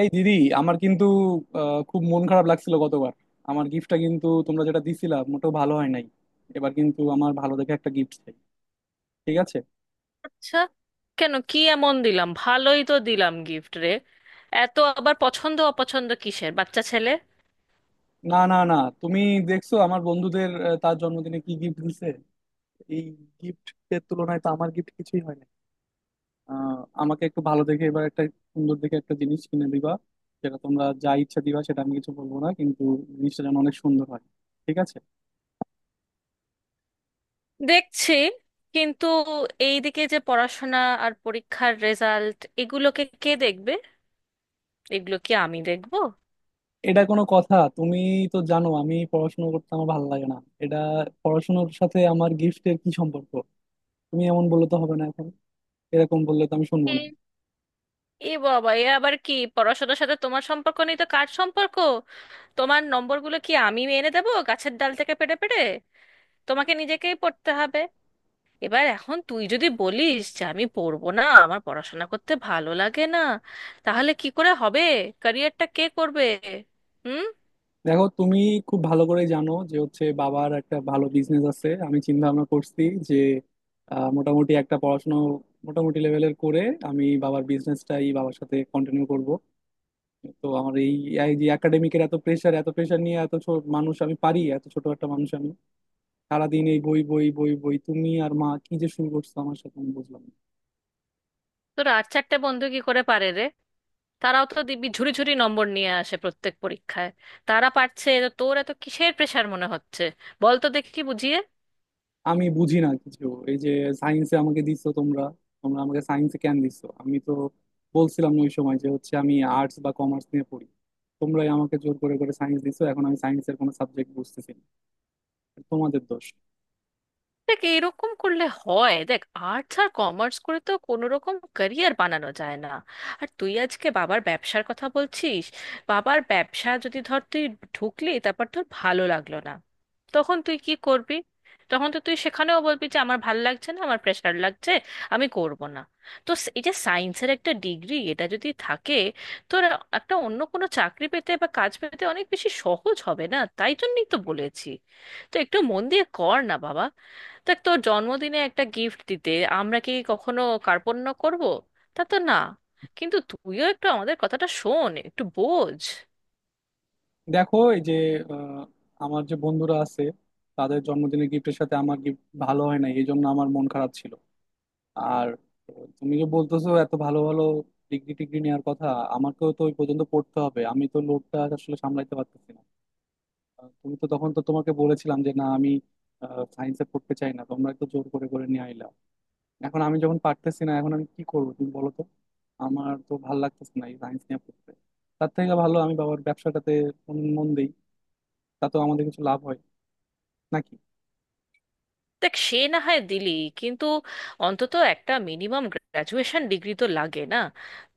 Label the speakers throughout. Speaker 1: এই দিদি, আমার কিন্তু খুব মন খারাপ লাগছিল গতবার। আমার গিফটটা কিন্তু তোমরা যেটা দিছিলা মোটেও ভালো হয় নাই। এবার কিন্তু আমার ভালো দেখে একটা গিফট চাই, ঠিক আছে?
Speaker 2: আচ্ছা, কেন? কি এমন দিলাম? ভালোই তো দিলাম গিফট রে। এত আবার পছন্দ অপছন্দ কিসের, বাচ্চা ছেলে।
Speaker 1: না, না, না, তুমি দেখছো আমার বন্ধুদের তার জন্মদিনে কি গিফট দিছে? এই গিফট এর তুলনায় তো আমার গিফট কিছুই হয় না। আহ, আমাকে একটু ভালো দেখে এবার একটা সুন্দর দেখে একটা জিনিস কিনে দিবা। যেটা তোমরা যা ইচ্ছা দিবা সেটা আমি কিছু বলবো না, কিন্তু জিনিসটা যেন অনেক সুন্দর হয়, ঠিক আছে।
Speaker 2: দেখছি, কিন্তু এইদিকে যে পড়াশোনা আর পরীক্ষার রেজাল্ট, এগুলোকে কে দেখবে? এগুলো কি আমি দেখবো?
Speaker 1: এটা কোনো কথা? তুমি তো জানো আমি পড়াশোনা করতে আমার ভালো লাগে না। এটা পড়াশোনার সাথে আমার গিফটের কি সম্পর্ক? তুমি এমন বললে তো হবে না এখন। এরকম বললে তো আমি শুনবো
Speaker 2: এ
Speaker 1: না।
Speaker 2: এ বাবা এ আবার কি? পড়াশোনার সাথে তোমার সম্পর্ক নেই তো কার সম্পর্ক? তোমার নম্বরগুলো কি আমি এনে দেবো গাছের ডাল থেকে পেড়ে পেড়ে? তোমাকে নিজেকেই পড়তে হবে। এবার এখন তুই যদি বলিস যে আমি পড়বো না, আমার পড়াশোনা করতে ভালো লাগে না, তাহলে কি করে হবে? ক্যারিয়ারটা কে করবে? হুম।
Speaker 1: দেখো, তুমি খুব ভালো করে জানো যে হচ্ছে বাবার একটা ভালো বিজনেস আছে। আমি চিন্তা ভাবনা করছি যে মোটামুটি একটা পড়াশোনা মোটামুটি লেভেলের করে আমি বাবার বিজনেসটাই বাবার সাথে কন্টিনিউ করব। তো আমার এই এই যে একাডেমিকের এত প্রেশার, এত প্রেশার নিয়ে এত ছোট মানুষ আমি পারি? এত ছোট একটা মানুষ আমি। সারাদিন এই বই বই বই বই তুমি আর মা কি যে শুরু করছো আমার সাথে, আমি বুঝলাম না।
Speaker 2: তোর আর চারটে বন্ধু কি করে পারে রে? তারাও তো দিব্যি ঝুড়ি ঝুড়ি নম্বর নিয়ে আসে প্রত্যেক পরীক্ষায়। তারা পারছে, তো তোর এত কিসের প্রেশার মনে হচ্ছে? বল তো দেখি বুঝিয়ে।
Speaker 1: আমি বুঝি না কিছু। এই যে সায়েন্সে আমাকে দিচ্ছ তোমরা, তোমরা আমাকে সায়েন্সে কেন দিচ্ছ? আমি তো বলছিলাম না ওই সময় যে হচ্ছে আমি আর্টস বা কমার্স নিয়ে পড়ি। তোমরাই আমাকে জোর করে করে সায়েন্স দিছো। এখন আমি সায়েন্সের কোনো সাবজেক্ট বুঝতেছি না। এটা তোমাদের দোষ।
Speaker 2: দেখ, এরকম করলে হয়? দেখ, আর্টস আর কমার্স করে তো কোনো রকম ক্যারিয়ার বানানো যায় না। আর তুই আজকে বাবার ব্যবসার কথা বলছিস। বাবার ব্যবসা যদি ধর তুই ঢুকলি, তারপর তোর ভালো লাগলো না, তখন তুই কি করবি? তখন তো তুই সেখানেও বলবি যে আমার ভাল লাগছে না, আমার প্রেশার লাগছে, আমি করব না। তো এই যে সায়েন্সের একটা ডিগ্রি, এটা যদি থাকে তোর, একটা অন্য কোনো চাকরি পেতে বা কাজ পেতে অনেক বেশি সহজ হবে না? তাই জন্যই তো বলেছি, তো একটু মন দিয়ে কর না বাবা। দেখ, তোর জন্মদিনে একটা গিফট দিতে আমরা কি কখনো কার্পণ্য করব? তা তো না। কিন্তু তুইও একটু আমাদের কথাটা শোন, একটু বোঝ।
Speaker 1: দেখো, এই যে আহ, আমার যে বন্ধুরা আছে তাদের জন্মদিনের গিফটের সাথে আমার গিফট ভালো হয় নাই, এই জন্য আমার মন খারাপ ছিল। আর তুমি যে বলতেছো এত ভালো ভালো ডিগ্রি টিগ্রি নেওয়ার কথা, আমাকেও তো ওই পর্যন্ত পড়তে হবে। আমি তো লোডটা আসলে সামলাইতে পারতেছি না। তুমি তো তখন তো তোমাকে বলেছিলাম যে না, আমি সায়েন্সে পড়তে চাই না। তোমরা একটু জোর করে করে নিয়ে আইলা। এখন আমি যখন পারতেছি না, এখন আমি কি করবো তুমি বলো তো। আমার তো ভালো লাগতেছে না এই সায়েন্স নিয়ে পড়তে। তার থেকে ভালো আমি বাবার ব্যবসাটাতে মন মন দিই, তাতেও আমাদের কিছু লাভ হয় নাকি।
Speaker 2: দেখ, সে না হয় দিলি, কিন্তু অন্তত একটা মিনিমাম গ্রাজুয়েশন ডিগ্রি তো লাগে, না?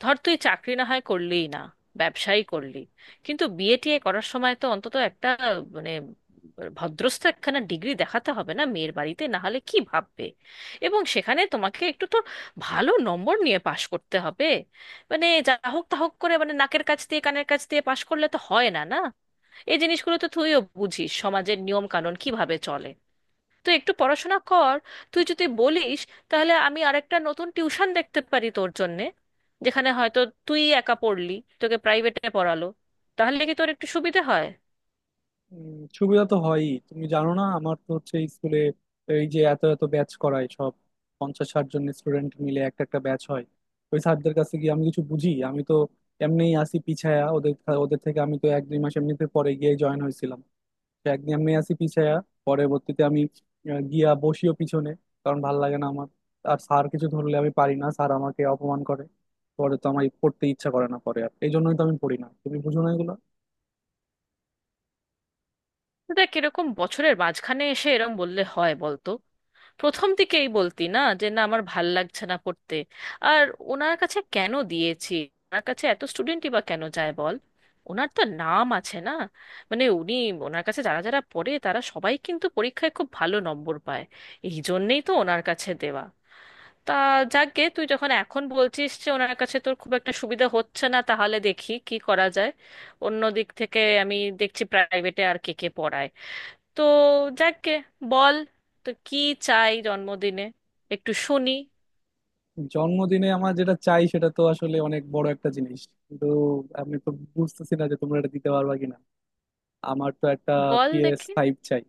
Speaker 2: ধর তুই চাকরি না হয় করলিই না, ব্যবসায়ী করলি, কিন্তু বিএ টিএ করার সময় তো অন্তত একটা, মানে, ভদ্রস্থ একখানা ডিগ্রি দেখাতে হবে না? মেয়ের বাড়িতে না হলে কি ভাববে? এবং সেখানে তোমাকে একটু তো ভালো নম্বর নিয়ে পাশ করতে হবে। মানে যা হোক তা হোক করে, মানে নাকের কাছ দিয়ে কানের কাছ দিয়ে পাশ করলে তো হয় না, না? এই জিনিসগুলো তো তুইও বুঝিস, সমাজের নিয়ম কানুন কিভাবে চলে। তুই একটু পড়াশোনা কর। তুই যদি বলিস, তাহলে আমি আরেকটা নতুন টিউশন দেখতে পারি তোর জন্যে, যেখানে হয়তো তুই একা পড়লি, তোকে প্রাইভেটে পড়ালো। তাহলে কি তোর একটু সুবিধে হয়?
Speaker 1: উম, সুবিধা তো হয়ই। তুমি জানো না আমার তো হচ্ছে স্কুলে এই যে এত এত ব্যাচ করায় সব, 50-60 জন স্টুডেন্ট মিলে একটা একটা ব্যাচ হয়। ওই স্যারদের কাছে গিয়ে আমি কিছু বুঝি? আমি তো এমনিই আসি পিছায়া। ওদের ওদের থেকে আমি তো 1-2 মাস এমনিতে পরে গিয়ে জয়েন হয়েছিলাম। তো একদিন আমি আছি পিছায়া। পরবর্তীতে আমি গিয়া বসিও পিছনে, কারণ ভাল লাগে না আমার। আর স্যার কিছু ধরলে আমি পারি না, স্যার আমাকে অপমান করে। পরে তো আমার পড়তে ইচ্ছা করে না পরে, আর এই জন্যই তো আমি পড়ি না। তুমি বুঝো না এগুলো।
Speaker 2: দেখ, এরকম বছরের মাঝখানে এসে এরম বললে হয় বলতো? প্রথম দিকেই বলতি না যে না আমার ভাল লাগছে না পড়তে। আর ওনার কাছে কেন দিয়েছি? ওনার কাছে এত স্টুডেন্টই বা কেন যায় বল? ওনার তো নাম আছে, না? মানে উনি, ওনার কাছে যারা যারা পড়ে তারা সবাই কিন্তু পরীক্ষায় খুব ভালো নম্বর পায়। এই জন্যেই তো ওনার কাছে দেওয়া। তা যাকগে, তুই যখন এখন বলছিস যে ওনার কাছে তোর খুব একটা সুবিধা হচ্ছে না, তাহলে দেখি কি করা যায়। অন্য দিক থেকে আমি দেখছি প্রাইভেটে আর কে কে পড়ায়। তো, যাকে, বল তো কি চাই জন্মদিনে, একটু শুনি।
Speaker 1: জন্মদিনে আমার যেটা চাই সেটা তো আসলে অনেক বড় একটা জিনিস। কিন্তু আমি তো বুঝতেছি না যে তোমরা এটা দিতে পারবা কিনা। আমার তো একটা
Speaker 2: বল
Speaker 1: পিএস
Speaker 2: দেখি।
Speaker 1: ফাইভ চাই।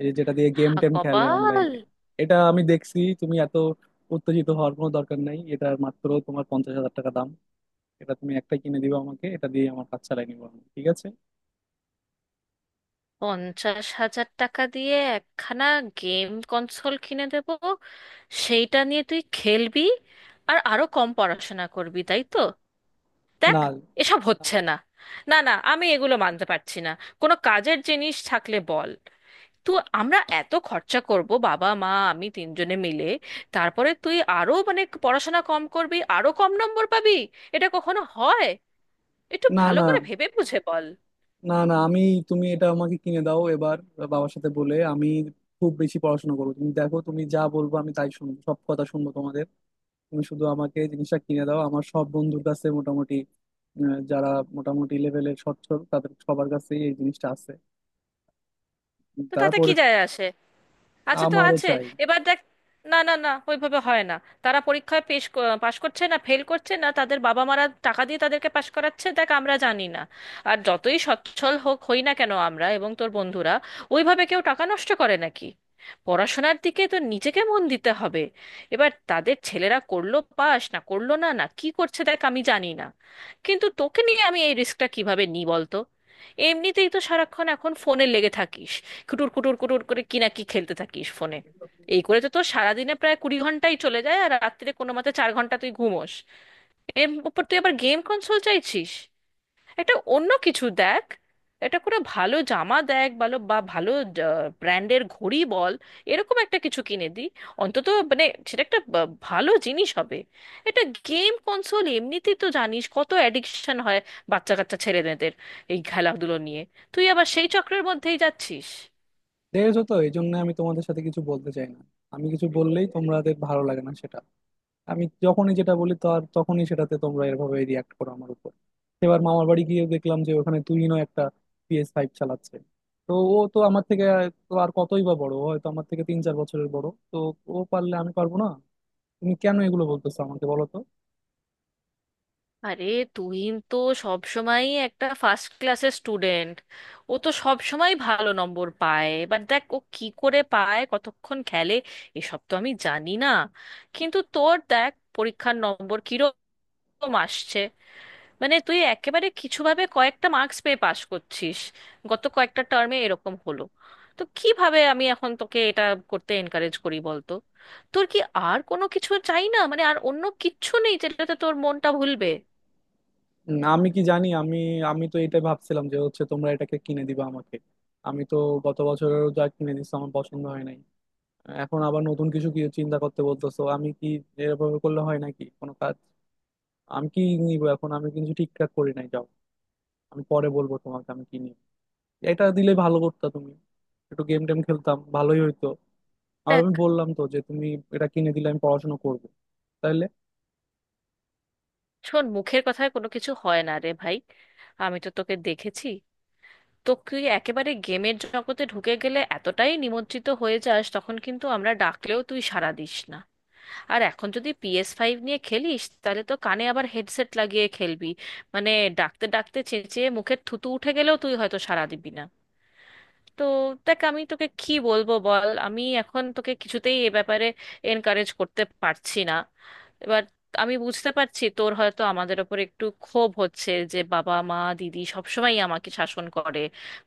Speaker 1: এই যে যেটা দিয়ে গেম
Speaker 2: হা
Speaker 1: টেম খেলে
Speaker 2: কপাল!
Speaker 1: অনলাইনে। এটা আমি দেখছি তুমি এত উত্তেজিত হওয়ার কোনো দরকার নাই, এটা মাত্র তোমার 50,000 টাকা দাম। এটা তুমি একটা কিনে দিবে আমাকে, এটা দিয়ে আমার কাজ চালাই নিবো আমি, ঠিক আছে?
Speaker 2: 50,000 টাকা দিয়ে একখানা গেম কনসোল কিনে দেব, সেইটা নিয়ে তুই খেলবি আর আরো কম পড়াশোনা করবি, তাই তো? দেখ,
Speaker 1: না,
Speaker 2: এসব হচ্ছে না। না না, আমি এগুলো মানতে পারছি না। কোনো কাজের জিনিস থাকলে বল তো। আমরা এত খরচা করব বাবা মা আমি তিনজনে মিলে, তারপরে তুই আরো, মানে, পড়াশোনা কম করবি, আরো কম নম্বর পাবি, এটা কখনো হয়? একটু
Speaker 1: না,
Speaker 2: ভালো
Speaker 1: না,
Speaker 2: করে ভেবে বুঝে বল।
Speaker 1: না, না, আমি তুমি এটা আমাকে কিনে দাও এবার। বাবার সাথে বলে আমি খুব বেশি পড়াশোনা করবো, তুমি দেখো। তুমি যা বলবো আমি তাই শুনবো, সব কথা শুনবো তোমাদের। তুমি শুধু আমাকে এই জিনিসটা কিনে দাও। আমার সব বন্ধুর কাছে মোটামুটি যারা মোটামুটি লেভেলের সচ্ছল তাদের সবার কাছেই এই জিনিসটা আছে।
Speaker 2: তো
Speaker 1: তারা
Speaker 2: তাতে কি
Speaker 1: পরে
Speaker 2: যায় আসে? আছে তো
Speaker 1: আমারও
Speaker 2: আছে।
Speaker 1: চাই।
Speaker 2: এবার দেখ, না না না, ওইভাবে হয় না। তারা পরীক্ষায় পাশ করছে না ফেল করছে না তাদের বাবা মারা টাকা দিয়ে তাদেরকে পাশ করাচ্ছে, দেখ আমরা জানি না। আর যতই সচ্ছল হোক হই না কেন আমরা এবং তোর বন্ধুরা, ওইভাবে কেউ টাকা নষ্ট করে নাকি? পড়াশোনার দিকে তো নিজেকে মন দিতে হবে। এবার তাদের ছেলেরা করলো পাশ না করলো না, না কি করছে দেখ, আমি জানি না। কিন্তু তোকে নিয়ে আমি এই রিস্কটা কিভাবে নিই বলতো? এমনিতেই তো সারাক্ষণ এখন ফোনে লেগে থাকিস, কুটুর কুটুর কুটুর করে কি না কি খেলতে থাকিস ফোনে। এই করে তো তোর সারাদিনে প্রায় 20 ঘন্টাই চলে যায় আর রাত্রিরে কোনো মতে 4 ঘন্টা তুই ঘুমোস। এর উপর তুই আবার গেম কনসোল চাইছিস। একটা অন্য কিছু দেখ। এটা করে ভালো জামা দেখ, ভালো বা ভালো ব্র্যান্ডের ঘড়ি বল, এরকম একটা কিছু কিনে দি, অন্তত মানে সেটা একটা ভালো জিনিস হবে। এটা গেম কনসোল এমনিতেই তো জানিস কত অ্যাডিকশন হয় বাচ্চা কাচ্চা ছেলেমেয়েদের এই খেলাধুলো নিয়ে। তুই আবার সেই চক্রের মধ্যেই যাচ্ছিস।
Speaker 1: দেখেছো তো, এই জন্য আমি তোমাদের সাথে কিছু বলতে চাই না। আমি কিছু বললেই তোমাদের ভালো লাগে না সেটা। আমি যখনই যেটা বলি তার তখনই সেটাতে তোমরা এভাবে রিয়াক্ট করো আমার উপর। এবার মামার বাড়ি গিয়ে দেখলাম যে ওখানে তুহিনও একটা PS5 চালাচ্ছে। তো ও তো আমার থেকে তো আর কতই বা বড়? ও হয়তো আমার থেকে 3-4 বছরের বড়। তো ও পারলে আমি পারবো না? তুমি কেন এগুলো বলতেছো আমাকে বলো তো।
Speaker 2: আরে, তুই তো সব সময়ই একটা ফার্স্ট ক্লাসের স্টুডেন্ট। ও তো সব সময় ভালো নম্বর পায়, এবার দেখ ও কি করে পায়, কতক্ষণ খেলে, এসব তো আমি জানি না। কিন্তু তোর দেখ পরীক্ষার নম্বর কিরকম আসছে, মানে তুই একেবারে কিছুভাবে কয়েকটা মার্কস পেয়ে পাশ করছিস গত কয়েকটা টার্মে, এরকম হলো তো কিভাবে আমি এখন তোকে এটা করতে এনকারেজ করি বলতো? তোর কি আর কোনো কিছু চাই না? মানে আর অন্য কিচ্ছু নেই যেটাতে তোর মনটা ভুলবে?
Speaker 1: না, আমি কি জানি? আমি আমি তো এটা ভাবছিলাম যে হচ্ছে তোমরা এটাকে কিনে দিবা আমাকে। আমি তো গত বছরেরও যা কিনে দিছো আমার পছন্দ হয় নাই। এখন আবার নতুন কিছু কি চিন্তা করতে বলতেছো? আমি কি এরকম করলে হয় নাকি কোনো কাজ? আমি কি নিবো এখন আমি কিন্তু ঠিকঠাক করি নাই, যাও। আমি পরে বলবো তোমাকে আমি কি নিব। এটা দিলে ভালো করতা তুমি, একটু গেম টেম খেলতাম ভালোই হইতো। আর
Speaker 2: দেখ,
Speaker 1: আমি বললাম তো যে তুমি এটা কিনে দিলে আমি পড়াশোনা করবো তাহলে।
Speaker 2: শোন, মুখের কথায় কোনো কিছু হয় না রে ভাই। আমি তো তোকে দেখেছি, তো তুই একেবারে গেমের জগতে ঢুকে গেলে এতটাই নিমজ্জিত হয়ে যাস, তখন কিন্তু আমরা ডাকলেও তুই সাড়া দিস না। আর এখন যদি PS5 নিয়ে খেলিস, তাহলে তো কানে আবার হেডসেট লাগিয়ে খেলবি, মানে ডাকতে ডাকতে চেঁচিয়ে মুখের থুতু উঠে গেলেও তুই হয়তো সাড়া দিবি না। তো দেখ, আমি তোকে কি বলবো বল, আমি এখন তোকে কিছুতেই এ ব্যাপারে এনকারেজ করতে পারছি না। এবার আমি বুঝতে পারছি তোর হয়তো আমাদের ওপর একটু ক্ষোভ হচ্ছে যে বাবা মা দিদি সবসময় আমাকে শাসন করে,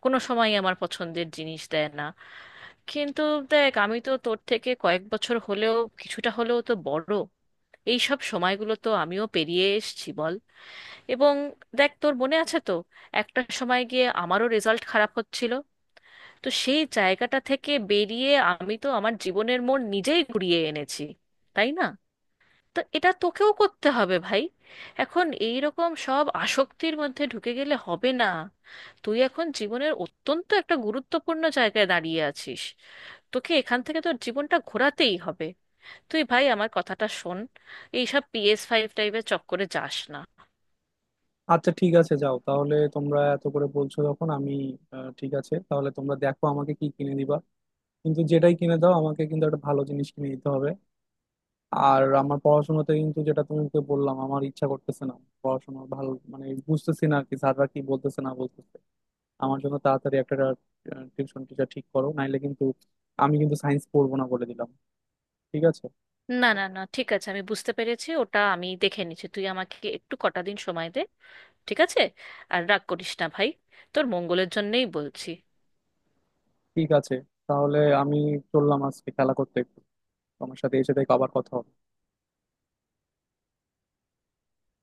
Speaker 2: কোনো সময় আমার পছন্দের জিনিস দেয় না। কিন্তু দেখ, আমি তো তোর থেকে কয়েক বছর হলেও কিছুটা হলেও তো বড়। এই সব সময়গুলো তো আমিও পেরিয়ে এসেছি বল। এবং দেখ, তোর মনে আছে তো, একটা সময় গিয়ে আমারও রেজাল্ট খারাপ হচ্ছিল, তো সেই জায়গাটা থেকে বেরিয়ে আমি তো আমার জীবনের মোড় নিজেই ঘুরিয়ে এনেছি, তাই না? তো এটা তোকেও করতে হবে ভাই। এখন এই রকম সব আসক্তির মধ্যে ঢুকে গেলে হবে না। তুই এখন জীবনের অত্যন্ত একটা গুরুত্বপূর্ণ জায়গায় দাঁড়িয়ে আছিস, তোকে এখান থেকে তোর জীবনটা ঘোরাতেই হবে। তুই ভাই আমার কথাটা শোন, এইসব PS5 টাইপের চক্করে যাস না।
Speaker 1: আচ্ছা, ঠিক আছে, যাও তাহলে। তোমরা এত করে বলছো যখন, আমি ঠিক আছে। তাহলে তোমরা দেখো আমাকে কি কিনে দিবা, কিন্তু যেটাই কিনে দাও আমাকে কিন্তু একটা ভালো জিনিস কিনে দিতে হবে। আর আমার পড়াশোনাতে কিন্তু, যেটা তোমাকে বললাম, আমার ইচ্ছা করতেছে না। পড়াশোনা ভালো মানে বুঝতেছি না আর কি, স্যাররা কি বলতেছে না বলতেছে। আমার জন্য তাড়াতাড়ি একটা টিউশন টিচার ঠিক করো, নাইলে কিন্তু আমি কিন্তু সায়েন্স পড়বো না বলে দিলাম, ঠিক আছে?
Speaker 2: না না না, ঠিক আছে, আমি বুঝতে পেরেছি, ওটা আমি দেখে নিচ্ছি, তুই আমাকে একটু কটা দিন সময় দে। ঠিক আছে? আর রাগ করিস না ভাই, তোর মঙ্গলের জন্যেই বলছি।
Speaker 1: ঠিক আছে, তাহলে আমি চললাম আজকে খেলা করতে একটু। তোমার সাথে এসে দেখো আবার কথা হবে।